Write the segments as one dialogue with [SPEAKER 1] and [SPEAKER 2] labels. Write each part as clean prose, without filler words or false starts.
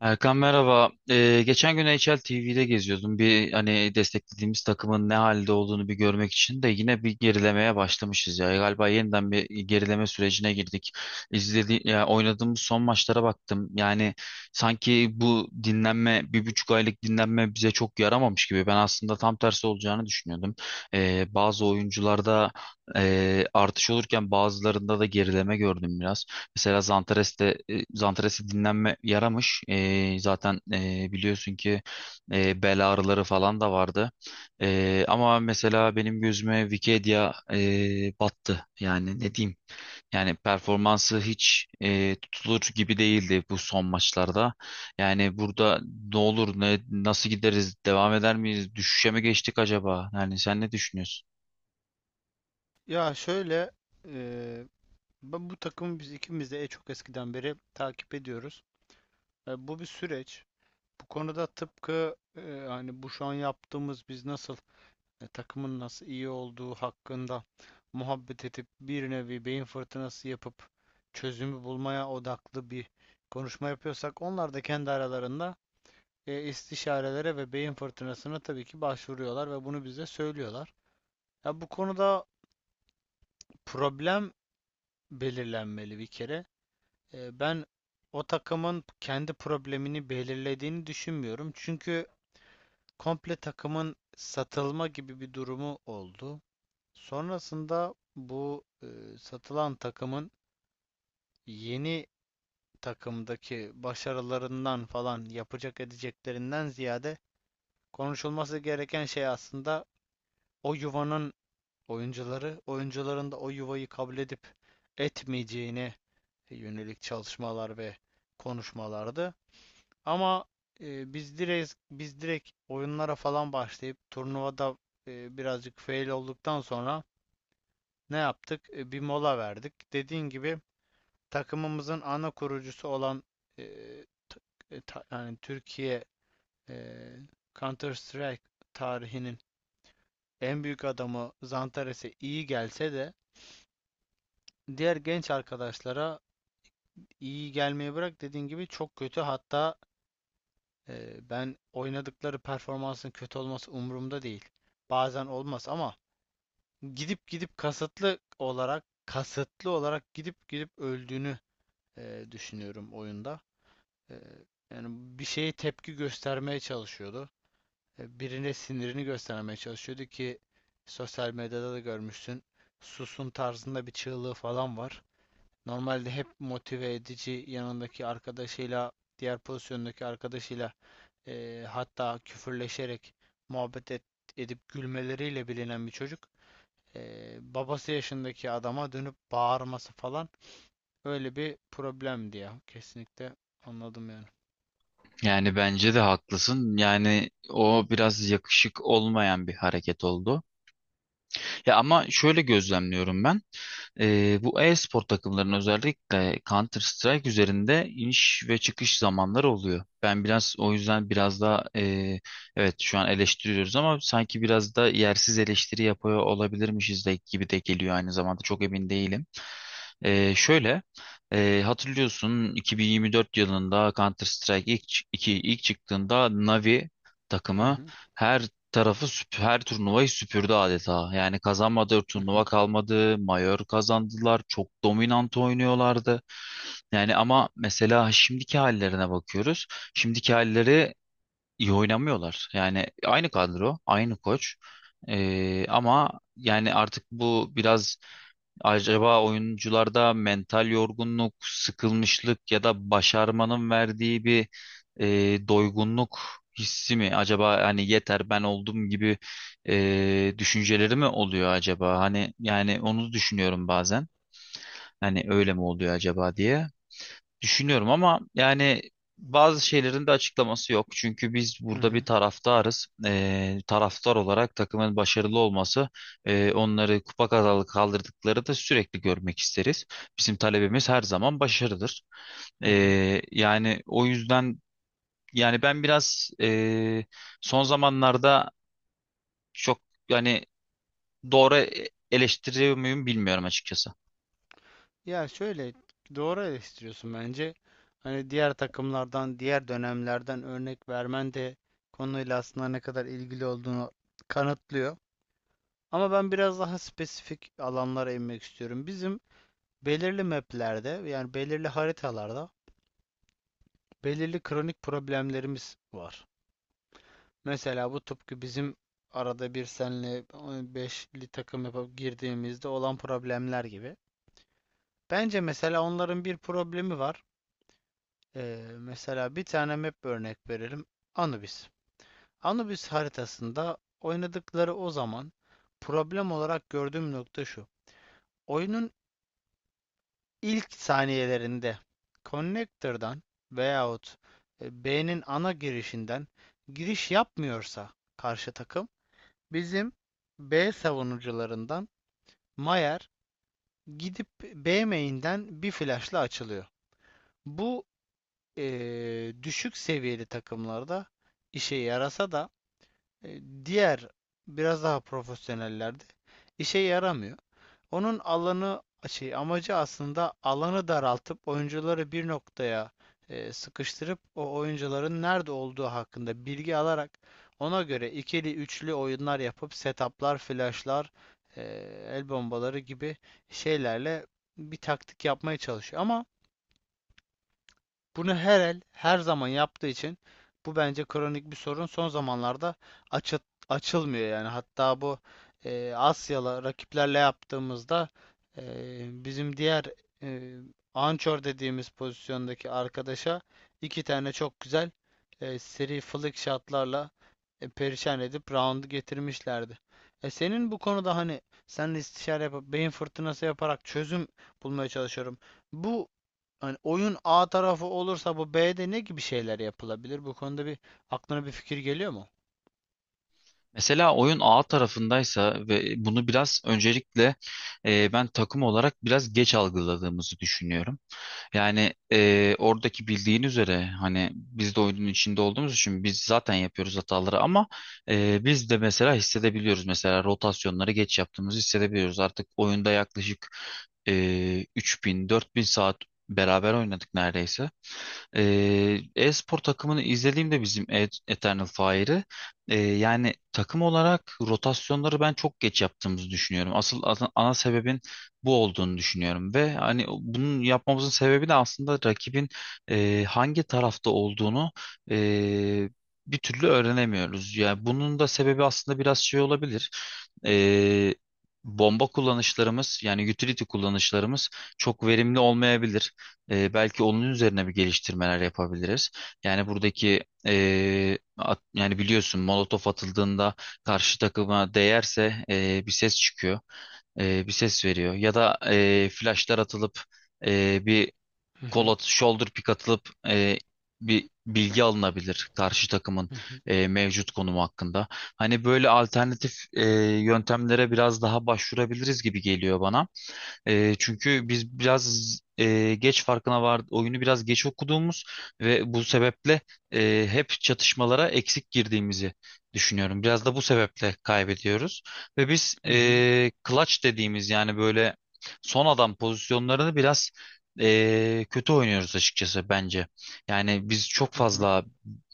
[SPEAKER 1] Erkan merhaba. Geçen gün N H L. NHL TV'de geziyordum. Bir hani desteklediğimiz takımın ne halde olduğunu bir görmek için de yine bir gerilemeye başlamışız ya. Galiba yeniden bir gerileme sürecine girdik. İzledi, ya oynadığımız son maçlara baktım. Yani sanki bu dinlenme, 1,5 aylık dinlenme bize çok yaramamış gibi. Ben aslında tam tersi olacağını düşünüyordum. Bazı oyuncularda artış olurken bazılarında da gerileme gördüm biraz. Mesela Zantares'te dinlenme yaramış. Zaten biliyorsun ki bel ağrıları falan da vardı. Ama mesela benim gözüme Wikipedia battı. Yani ne diyeyim? Yani performansı hiç tutulur gibi değildi bu son maçlarda. Yani burada ne olur, ne nasıl gideriz, devam eder miyiz, düşüşe mi geçtik acaba? Yani sen ne düşünüyorsun?
[SPEAKER 2] Ya şöyle eee, ben bu takımı biz ikimiz de çok eskiden beri takip ediyoruz. Bu bir süreç. Bu konuda tıpkı hani bu şu an yaptığımız biz nasıl takımın nasıl iyi olduğu hakkında muhabbet edip bir nevi beyin fırtınası yapıp çözümü bulmaya odaklı bir konuşma yapıyorsak onlar da kendi aralarında istişarelere ve beyin fırtınasına tabii ki başvuruyorlar ve bunu bize söylüyorlar. Ya bu konuda problem belirlenmeli bir kere. Ben o takımın kendi problemini belirlediğini düşünmüyorum. Çünkü komple takımın satılma gibi bir durumu oldu. Sonrasında bu satılan takımın yeni takımdaki başarılarından falan yapacak edeceklerinden ziyade konuşulması gereken şey aslında o yuvanın oyuncuları, oyuncuların da o yuvayı kabul edip etmeyeceğine yönelik çalışmalar ve konuşmalardı. Ama biz direkt oyunlara falan başlayıp turnuvada birazcık fail olduktan sonra ne yaptık? Bir mola verdik. Dediğin gibi takımımızın ana kurucusu olan e, t- yani Türkiye e, Counter Strike tarihinin en büyük adamı Zantares'e iyi gelse de diğer genç arkadaşlara iyi gelmeye bırak dediğin gibi çok kötü hatta. Ben oynadıkları performansın kötü olması umurumda değil. Bazen olmaz ama gidip gidip kasıtlı olarak gidip gidip öldüğünü düşünüyorum oyunda. Ee, Yani bir şeye tepki göstermeye çalışıyordu. Birine sinirini göstermeye çalışıyordu ki sosyal medyada da görmüşsün. Susun tarzında bir çığlığı falan var. Normalde hep motive edici yanındaki arkadaşıyla, diğer pozisyondaki arkadaşıyla hatta küfürleşerek muhabbet et- edip gülmeleriyle bilinen bir çocuk, babası yaşındaki adama dönüp bağırması falan öyle bir problemdi ya. Kesinlikle anladım yani.
[SPEAKER 1] Yani bence de haklısın. Yani o biraz yakışık olmayan bir hareket oldu. Ya ama şöyle gözlemliyorum ben. Bu e-spor takımlarının özellikle Counter Strike üzerinde iniş ve çıkış zamanları oluyor. Ben biraz o yüzden biraz daha evet şu an eleştiriyoruz ama sanki biraz da yersiz eleştiri yapıyor olabilirmişiz de gibi de geliyor aynı zamanda çok emin değilim. Şöyle hatırlıyorsun 2024 yılında Counter Strike ilk çıktığında Navi
[SPEAKER 2] Hı
[SPEAKER 1] takımı
[SPEAKER 2] hı,
[SPEAKER 1] her her turnuvayı süpürdü adeta. Yani kazanmadığı
[SPEAKER 2] hı
[SPEAKER 1] turnuva
[SPEAKER 2] hı,
[SPEAKER 1] kalmadı. Mayor kazandılar. Çok dominant oynuyorlardı. Yani ama mesela şimdiki hallerine bakıyoruz. Şimdiki halleri iyi oynamıyorlar. Yani aynı kadro, aynı koç. Ama yani artık bu biraz. Acaba oyuncularda mental yorgunluk, sıkılmışlık ya da başarmanın verdiği bir doygunluk hissi mi? Acaba hani yeter ben oldum gibi düşünceleri mi oluyor acaba? Hani yani onu düşünüyorum bazen. Hani öyle mi oluyor acaba diye. Düşünüyorum ama yani bazı şeylerin de açıklaması yok. Çünkü biz
[SPEAKER 2] hı
[SPEAKER 1] burada bir
[SPEAKER 2] hı,
[SPEAKER 1] taraftarız. Taraftar olarak takımın başarılı olması, onları kupa kazalı kaldırdıkları da sürekli görmek isteriz. Bizim talebimiz her zaman başarıdır.
[SPEAKER 2] hı hı.
[SPEAKER 1] Yani o yüzden yani ben biraz son zamanlarda çok yani doğru eleştiriyor muyum bilmiyorum açıkçası.
[SPEAKER 2] Ya şöyle, doğru eleştiriyorsun bence. Hani diğer takımlardan, diğer dönemlerden örnek vermen de konuyla aslında ne kadar ilgili olduğunu kanıtlıyor. Ama ben biraz daha spesifik alanlara inmek istiyorum. Bizim belirli maplerde yani belirli haritalarda belirli kronik problemlerimiz var. Mesela bu tıpkı bizim arada bir senle beşli takım yapıp girdiğimizde olan problemler gibi. Bence mesela onların bir problemi var. Mesela bir tane map örnek verelim. Anubis. Anubis haritasında oynadıkları o zaman problem olarak gördüğüm nokta şu. Oyunun ilk saniyelerinde connector'dan veyahut B'nin ana girişinden giriş yapmıyorsa karşı takım bizim B savunucularından Mayer gidip B main'den bir flash'la açılıyor. Bu e, düşük seviyeli takımlarda işe yarasa da diğer biraz daha profesyonellerde işe yaramıyor. Onun alanı şey amacı aslında alanı daraltıp oyuncuları bir noktaya sıkıştırıp o oyuncuların nerede olduğu hakkında bilgi alarak ona göre ikili üçlü oyunlar yapıp setuplar, flashlar, e, el bombaları gibi şeylerle bir taktik yapmaya çalışıyor. Ama bunu her el her zaman yaptığı için bu bence kronik bir sorun. Son zamanlarda açı- açılmıyor yani. Hatta bu Asyalı rakiplerle yaptığımızda e, bizim diğer e, anchor dediğimiz pozisyondaki arkadaşa iki tane çok güzel seri flick shotlarla perişan edip round'u getirmişlerdi. Senin bu konuda hani seninle istişare yapıp beyin fırtınası yaparak çözüm bulmaya çalışıyorum. Bu, hani oyun A tarafı olursa bu B'de ne gibi şeyler yapılabilir? Bu konuda bir aklına bir fikir geliyor mu?
[SPEAKER 1] Mesela oyun A tarafındaysa ve bunu biraz öncelikle ben takım olarak biraz geç algıladığımızı düşünüyorum. Yani oradaki bildiğin üzere hani biz de oyunun içinde olduğumuz için biz zaten yapıyoruz hataları ama biz de mesela hissedebiliyoruz. Mesela rotasyonları geç yaptığımızı hissedebiliyoruz. Artık oyunda yaklaşık e, 3000-4000 saat beraber oynadık neredeyse. E-spor takımını izlediğimde bizim Eternal Fire'ı yani takım olarak rotasyonları ben çok geç yaptığımızı düşünüyorum. Asıl ana sebebin bu olduğunu düşünüyorum ve hani bunun yapmamızın sebebi de aslında rakibin hangi tarafta olduğunu e, bir türlü öğrenemiyoruz. Yani bunun da sebebi aslında biraz şey olabilir. Ee, bomba kullanışlarımız yani utility kullanışlarımız çok verimli olmayabilir. Belki onun üzerine bir geliştirmeler yapabiliriz. Yani buradaki yani biliyorsun molotof atıldığında karşı takıma değerse bir ses çıkıyor. Bir ses veriyor. Ya da flashlar atılıp bir
[SPEAKER 2] Hı
[SPEAKER 1] kol
[SPEAKER 2] hı,
[SPEAKER 1] at, shoulder pick atılıp bir bilgi alınabilir karşı takımın
[SPEAKER 2] hı hı,
[SPEAKER 1] mevcut konumu hakkında. Hani böyle alternatif yöntemlere biraz daha başvurabiliriz gibi geliyor bana. Çünkü biz biraz geç farkına vardı oyunu biraz geç okuduğumuz ve bu sebeple hep çatışmalara eksik girdiğimizi düşünüyorum. Biraz da bu sebeple kaybediyoruz ve biz
[SPEAKER 2] hı hı,
[SPEAKER 1] clutch dediğimiz yani böyle son adam pozisyonlarını biraz kötü oynuyoruz açıkçası bence. Yani biz çok
[SPEAKER 2] hı hı.
[SPEAKER 1] fazla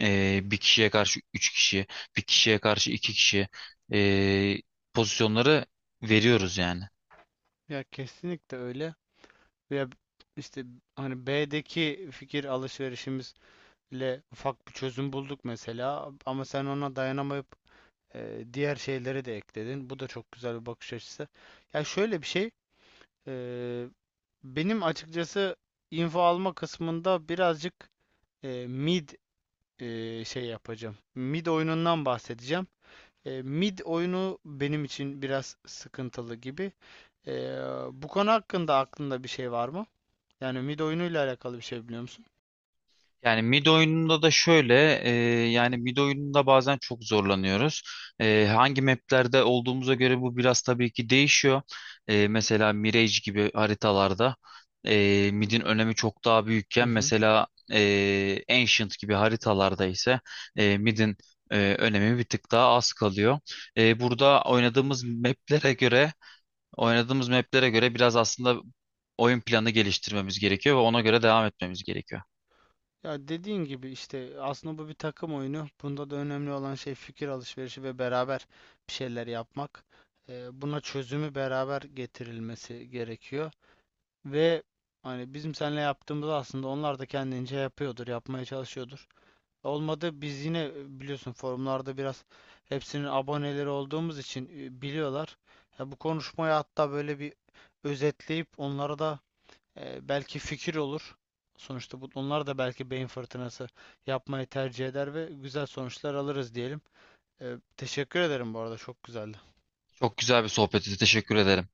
[SPEAKER 1] bir kişiye karşı üç kişi, bir kişiye karşı iki kişi e, pozisyonları veriyoruz yani.
[SPEAKER 2] Ya kesinlikle öyle. Ya işte hani B'deki fikir alışverişimizle ufak bir çözüm bulduk mesela ama sen ona dayanamayıp diğer şeyleri de ekledin. Bu da çok güzel bir bakış açısı. Ya şöyle bir şey, e, benim açıkçası info alma kısmında birazcık e, mid şey yapacağım. Mid oyunundan bahsedeceğim. Mid oyunu benim için biraz sıkıntılı gibi. E, Bu konu hakkında aklında bir şey var mı? Yani mid oyunuyla alakalı bir şey biliyor musun?
[SPEAKER 1] Yani mid oyununda da şöyle yani mid oyununda bazen çok zorlanıyoruz. Hangi maplerde olduğumuza göre bu biraz tabii ki değişiyor. Mesela Mirage gibi haritalarda midin önemi çok daha
[SPEAKER 2] Hı
[SPEAKER 1] büyükken
[SPEAKER 2] hı.
[SPEAKER 1] mesela Ancient gibi haritalarda ise midin önemi bir tık daha az kalıyor. Burada
[SPEAKER 2] Kesinlikle öyle.
[SPEAKER 1] oynadığımız maplere göre biraz aslında oyun planı geliştirmemiz gerekiyor ve ona göre devam etmemiz gerekiyor.
[SPEAKER 2] Ya dediğin gibi işte aslında bu bir takım oyunu. Bunda da önemli olan şey fikir alışverişi ve beraber bir şeyler yapmak. Buna çözümü beraber getirilmesi gerekiyor. Ve hani bizim seninle yaptığımız aslında onlar da kendince yapıyordur, yapmaya çalışıyordur. Olmadı biz yine biliyorsun forumlarda biraz hepsinin aboneleri olduğumuz için biliyorlar. Ya bu konuşmayı hatta böyle bir özetleyip onlara da belki fikir olur. Sonuçta bu, onlar da belki beyin fırtınası yapmayı tercih eder ve güzel sonuçlar alırız diyelim. Teşekkür ederim bu arada, çok güzeldi.
[SPEAKER 1] Çok güzel bir sohbeti. Teşekkür ederim.